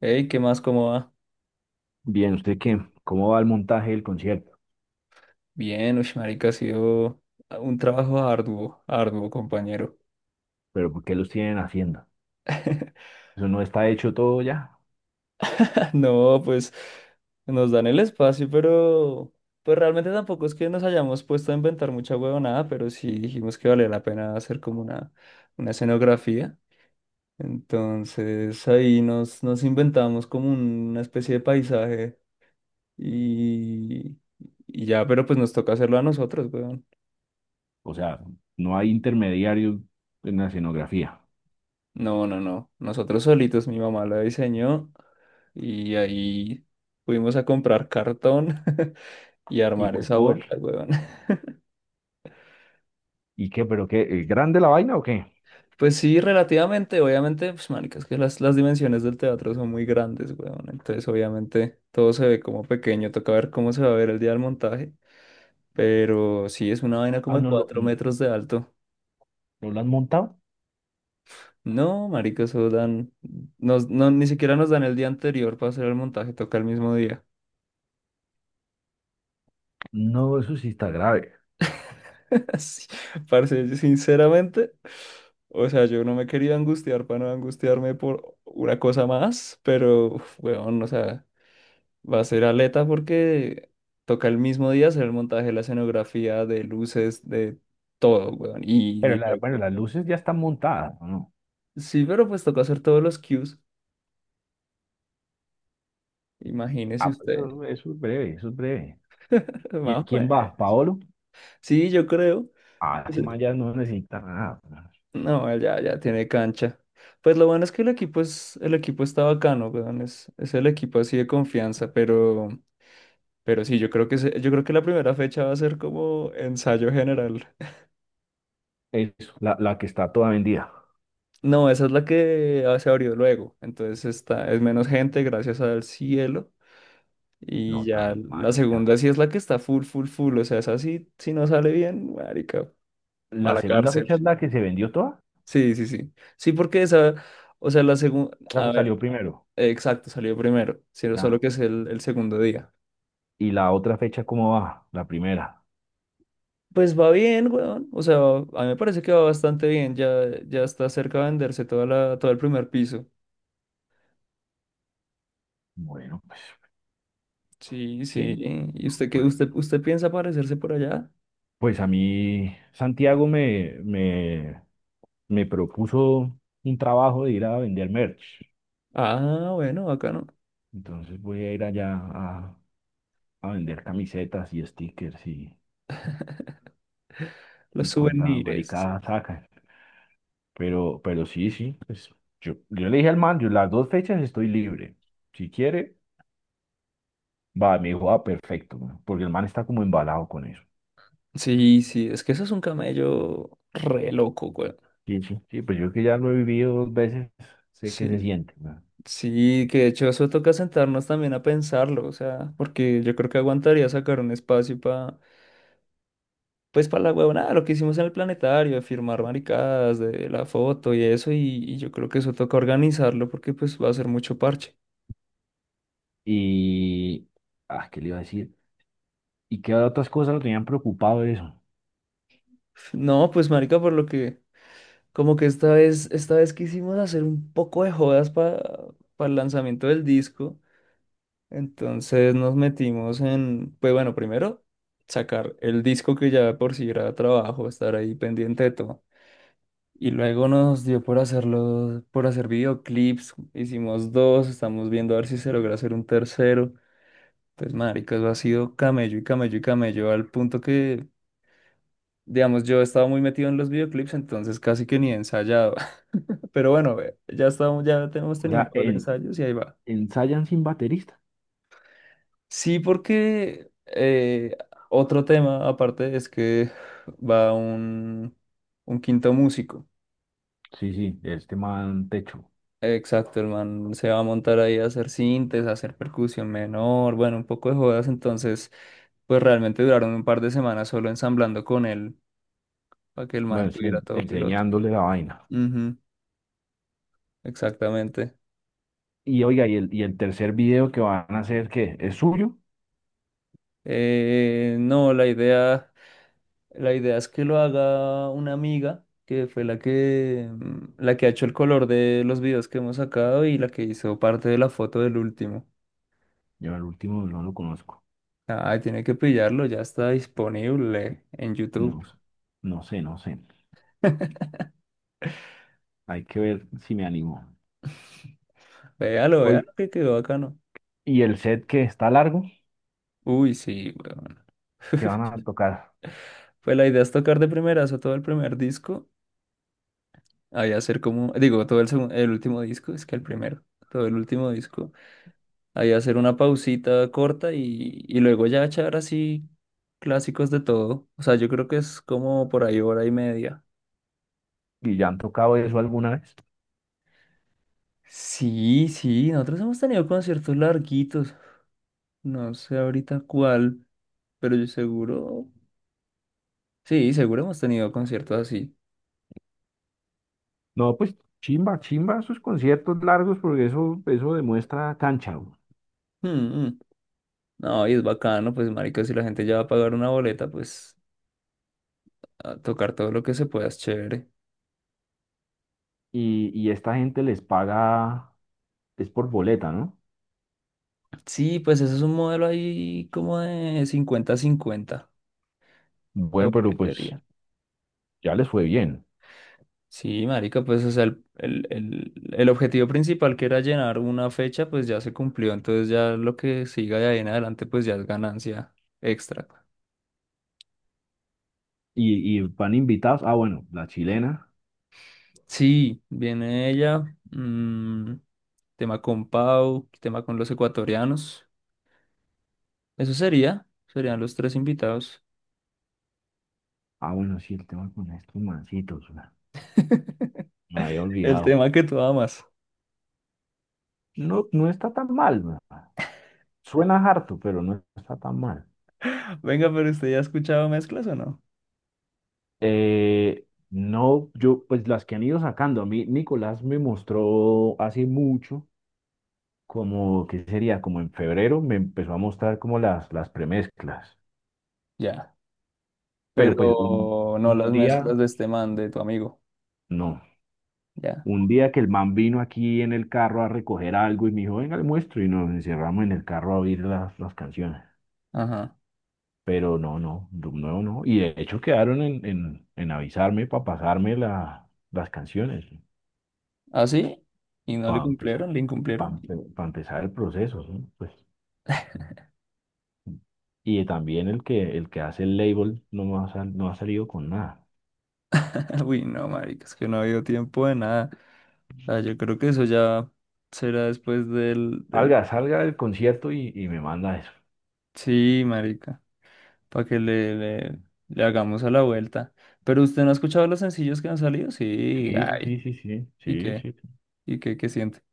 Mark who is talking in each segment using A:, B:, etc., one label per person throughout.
A: Hey, ¿qué más? ¿Cómo va?
B: Bien, ¿usted qué? ¿Cómo va el montaje del concierto?
A: Bien, marica, ha sido un trabajo arduo, arduo, compañero.
B: ¿Pero por qué los tienen haciendo? ¿Eso no está hecho todo ya?
A: No, pues nos dan el espacio, pero pues realmente tampoco es que nos hayamos puesto a inventar mucha huevonada, pero sí dijimos que valía la pena hacer como una escenografía. Entonces ahí nos inventamos como una especie de paisaje y, y ya, pero pues nos toca hacerlo a nosotros, weón.
B: O sea, no hay intermediarios en la escenografía.
A: No, no, no. Nosotros solitos, mi mamá la diseñó. Y ahí fuimos a comprar cartón y
B: ¿Y
A: armar esa
B: copor?
A: vuelta, weón.
B: ¿Y qué? ¿Pero qué? ¿Es grande la vaina o qué?
A: Pues sí, relativamente, obviamente, pues marica, es que las dimensiones del teatro son muy grandes, weón. Entonces, obviamente, todo se ve como pequeño, toca ver cómo se va a ver el día del montaje. Pero sí, es una vaina
B: Ah,
A: como de
B: ¿no lo,
A: cuatro
B: no
A: metros de alto.
B: lo han montado?
A: No, marica, eso dan, nos, no, ni siquiera nos dan el día anterior para hacer el montaje, toca el mismo día.
B: No, eso sí está grave.
A: Así, parce, yo sinceramente, o sea, yo no me quería angustiar para no angustiarme por una cosa más, pero, uf, weón, o sea, va a ser aleta porque toca el mismo día hacer el montaje, la escenografía, de luces, de todo, weón.
B: Pero
A: Y
B: bueno, las
A: luego-
B: luces ya están montadas, ¿o no?
A: sí, pero pues toca hacer todos los cues, imagínese
B: Ah, pues
A: usted.
B: eso es breve, eso es breve. ¿Quién,
A: Vamos, pues.
B: quién va? ¿Paolo?
A: Sí, yo creo.
B: Ah, ese man ya no necesita nada.
A: No, él ya tiene cancha. Pues lo bueno es que el el equipo está bacano, weón. Es el equipo así de confianza, pero sí, yo creo yo creo que la primera fecha va a ser como ensayo general.
B: Eso la que está toda vendida.
A: No, esa es la que ah, se abrió luego. Entonces está, es menos gente, gracias al cielo.
B: No
A: Y ya
B: tan
A: la
B: marica.
A: segunda sí es la que está full, full, full. O sea, esa sí, si no sale bien, marica, a
B: ¿La
A: la
B: segunda fecha es
A: cárcel.
B: la que se vendió toda?
A: Sí, sí, sí. Sí, porque esa, o sea, la segunda. A ver,
B: Salió primero.
A: exacto, salió primero, sino solo
B: Ya.
A: que es el segundo día.
B: ¿Y la otra fecha cómo va? La primera.
A: Pues va bien, weón. O sea, a mí me parece que va bastante bien. Ya, ya está cerca de venderse todo el primer piso.
B: Bueno, pues,
A: Sí, sí.
B: ¿quién?
A: ¿Y
B: No,
A: usted qué?
B: por ahí
A: ¿Usted,
B: no.
A: piensa aparecerse por allá?
B: Pues a mí, Santiago me propuso un trabajo de ir a vender merch.
A: Ah, bueno, acá no.
B: Entonces voy a ir allá a vender camisetas y stickers
A: Los
B: y cuanta
A: souvenirs.
B: maricada sacan. Pero sí, sí, pues yo le dije al man, yo las dos fechas estoy libre. Si quiere, va, me dijo, ah, perfecto, weón, porque el man está como embalado con eso.
A: Sí, sí, es que eso es un camello re loco, weón.
B: Sí, sí. Sí, pues yo que ya lo he vivido dos veces, sé qué se
A: Sí,
B: siente, weón.
A: sí, que de hecho eso toca sentarnos también a pensarlo, o sea, porque yo creo que aguantaría sacar un espacio para pues para la huevonada, lo que hicimos en el planetario, de firmar maricadas, de la foto y eso, y yo creo que eso toca organizarlo porque pues va a ser mucho parche.
B: Y, ah, ¿qué le iba a decir? ¿Y qué otras cosas lo tenían preocupado de eso?
A: No, pues marica, como que esta vez quisimos hacer un poco de jodas para el lanzamiento del disco, entonces nos metimos en, pues bueno, primero sacar el disco que ya de por si era trabajo, estar ahí pendiente de todo. Y luego nos dio por hacer videoclips. Hicimos dos, estamos viendo a ver si se logra hacer un tercero. Pues, marica, eso ha sido camello y camello y camello, al punto que, digamos, yo estaba muy metido en los videoclips, entonces casi que ni he ensayado. Pero bueno, ya estamos, ya tenemos
B: O
A: tenido un
B: sea,
A: par de ensayos y ahí va.
B: ensayan sin baterista.
A: Sí, porque otro tema aparte es que va un quinto músico.
B: Sí, sí, este man techo,
A: Exacto, el man se va a montar ahí a hacer sintes, a hacer percusión menor, bueno, un poco de jodas, entonces pues realmente duraron un par de semanas solo ensamblando con él para que el man
B: bueno, sí,
A: tuviera todo piloto.
B: enseñándole la vaina.
A: Ujú, exactamente.
B: Y oiga, ¿y el tercer video que van a hacer, qué? ¿Es suyo?
A: No, la idea es que lo haga una amiga que fue la que, la que ha hecho el color de los videos que hemos sacado y la que hizo parte de la foto del último.
B: Yo el último no lo conozco.
A: Ay, tiene que pillarlo, ya está disponible en
B: No,
A: YouTube.
B: sé- no sé, no sé. Hay que ver si me animo.
A: Véalo, véalo, que quedó bacano.
B: Y el set que está largo,
A: Uy, sí, weón.
B: que van a tocar.
A: Pues la idea es tocar de primerazo todo el primer disco. Ahí hacer como, digo, el último disco, es que el primero, todo el último disco. Ahí hacer una pausita corta y luego ya echar así clásicos de todo. O sea, yo creo que es como por ahí hora y media.
B: ¿Y ya han tocado eso alguna vez?
A: Sí, sí, nosotros hemos tenido conciertos larguitos. No sé ahorita cuál, pero yo seguro. Sí, seguro hemos tenido conciertos así.
B: No, pues chimba, chimba sus conciertos largos porque eso demuestra cancha, güey.
A: Mm, mm. No, y es bacano, pues, marica, si la gente ya va a pagar una boleta, pues, a tocar todo lo que se pueda es chévere.
B: Y esta gente les paga, es por boleta, ¿no?
A: Sí, pues, ese es un modelo ahí como de cincuenta cincuenta de
B: Bueno, pero pues
A: boletería.
B: ya les fue bien.
A: Sí, marica, pues, o sea, el objetivo principal que era llenar una fecha, pues, ya se cumplió. Entonces, ya lo que siga de ahí en adelante, pues, ya es ganancia extra.
B: Y van invitados. Ah, bueno, la chilena.
A: Sí, viene ella, mm, tema con Pau, tema con los ecuatorianos. Eso serían los tres invitados.
B: Ah, bueno, sí, el tema con estos mancitos, güey. Me había
A: El
B: olvidado.
A: tema que tú amas.
B: No, no está tan mal, güey. Suena harto, pero no está tan mal.
A: Venga, pero ¿usted ya ha escuchado mezclas o no?
B: No, yo, pues las que han ido sacando, a mí Nicolás me mostró hace mucho, como, ¿qué sería? Como en febrero me empezó a mostrar como las premezclas,
A: Ya.
B: pero pues
A: Pero no las
B: un día,
A: mezclas de este man, de tu amigo.
B: no,
A: Ya.
B: un día que el man vino aquí en el carro a recoger algo y me dijo, venga, le muestro, y nos encerramos en el carro a oír las canciones,
A: Ajá.
B: pero no, no, de nuevo no, y de hecho quedaron en avisarme para pasarme las canciones.
A: Así, ¿y no le
B: Para empezar,
A: cumplieron? ¿Le
B: para
A: incumplieron?
B: empezar el proceso, ¿sí? Pues, y también el que hace el label no ha salido con nada.
A: Uy, no, marica, es que no ha habido tiempo de nada. O sea, yo creo que eso ya será después del...
B: Salga, salga del concierto y me manda eso.
A: Sí, marica, para que le hagamos a la vuelta. Pero usted no ha escuchado los sencillos que han salido, sí,
B: Sí, sí,
A: ay,
B: sí, sí,
A: ¿y
B: sí,
A: qué?
B: sí, sí.
A: ¿Y qué, qué siente?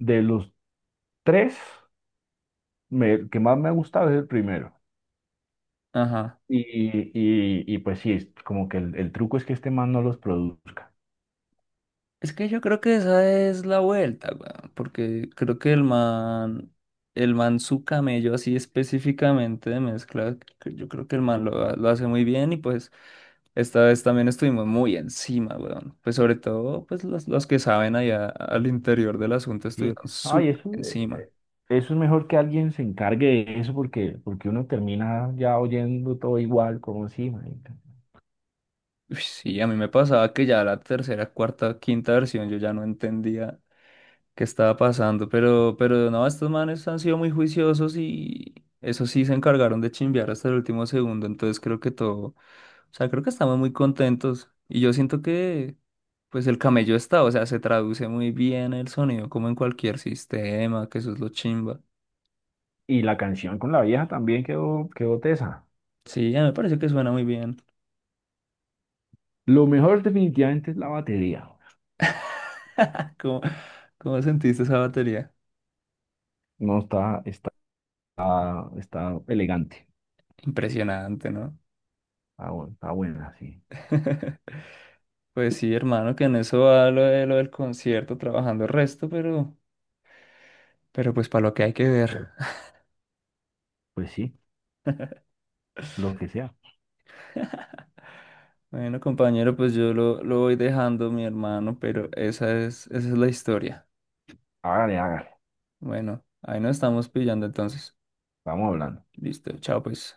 B: De los tres, el que más me ha gustado es el primero.
A: Ajá.
B: Y, y pues sí, es como que el truco es que este man no los produzca.
A: Es que yo creo que esa es la vuelta, weón, porque creo que el man su camello así específicamente de mezcla, que yo creo que el lo hace muy bien y pues esta vez también estuvimos muy encima, weón. Pues sobre todo, pues los que saben allá al interior del asunto
B: Sí.
A: estuvieron
B: Ay,
A: súper
B: eso,
A: encima.
B: eso es mejor que alguien se encargue de eso porque, porque uno termina ya oyendo todo igual, como si,
A: Uy, sí, a mí me pasaba que ya la tercera, cuarta, quinta versión yo ya no entendía que estaba pasando, pero no, estos manes han sido muy juiciosos y eso sí se encargaron de chimbear hasta el último segundo, entonces creo que todo, o sea, creo que estamos muy contentos y yo siento que pues el camello está, o sea, se traduce muy bien el sonido como en cualquier sistema, que eso es lo chimba.
B: y la canción con la vieja también quedó, quedó tesa.
A: Sí, a mí me parece que suena muy bien.
B: Lo mejor definitivamente es la batería.
A: ¿Cómo, sentiste esa batería?
B: No está, está, está elegante.
A: Impresionante, ¿no?
B: Está, está buena, sí.
A: Pues sí, hermano, que en eso va lo del concierto, trabajando el resto, pero... Pero pues para lo que hay que ver.
B: Pues sí, lo que sea.
A: Bueno, compañero, pues yo lo voy dejando, mi hermano, pero esa esa es la historia.
B: Hágale, hágale.
A: Bueno, ahí nos estamos pillando entonces.
B: Estamos hablando.
A: Listo, chao pues.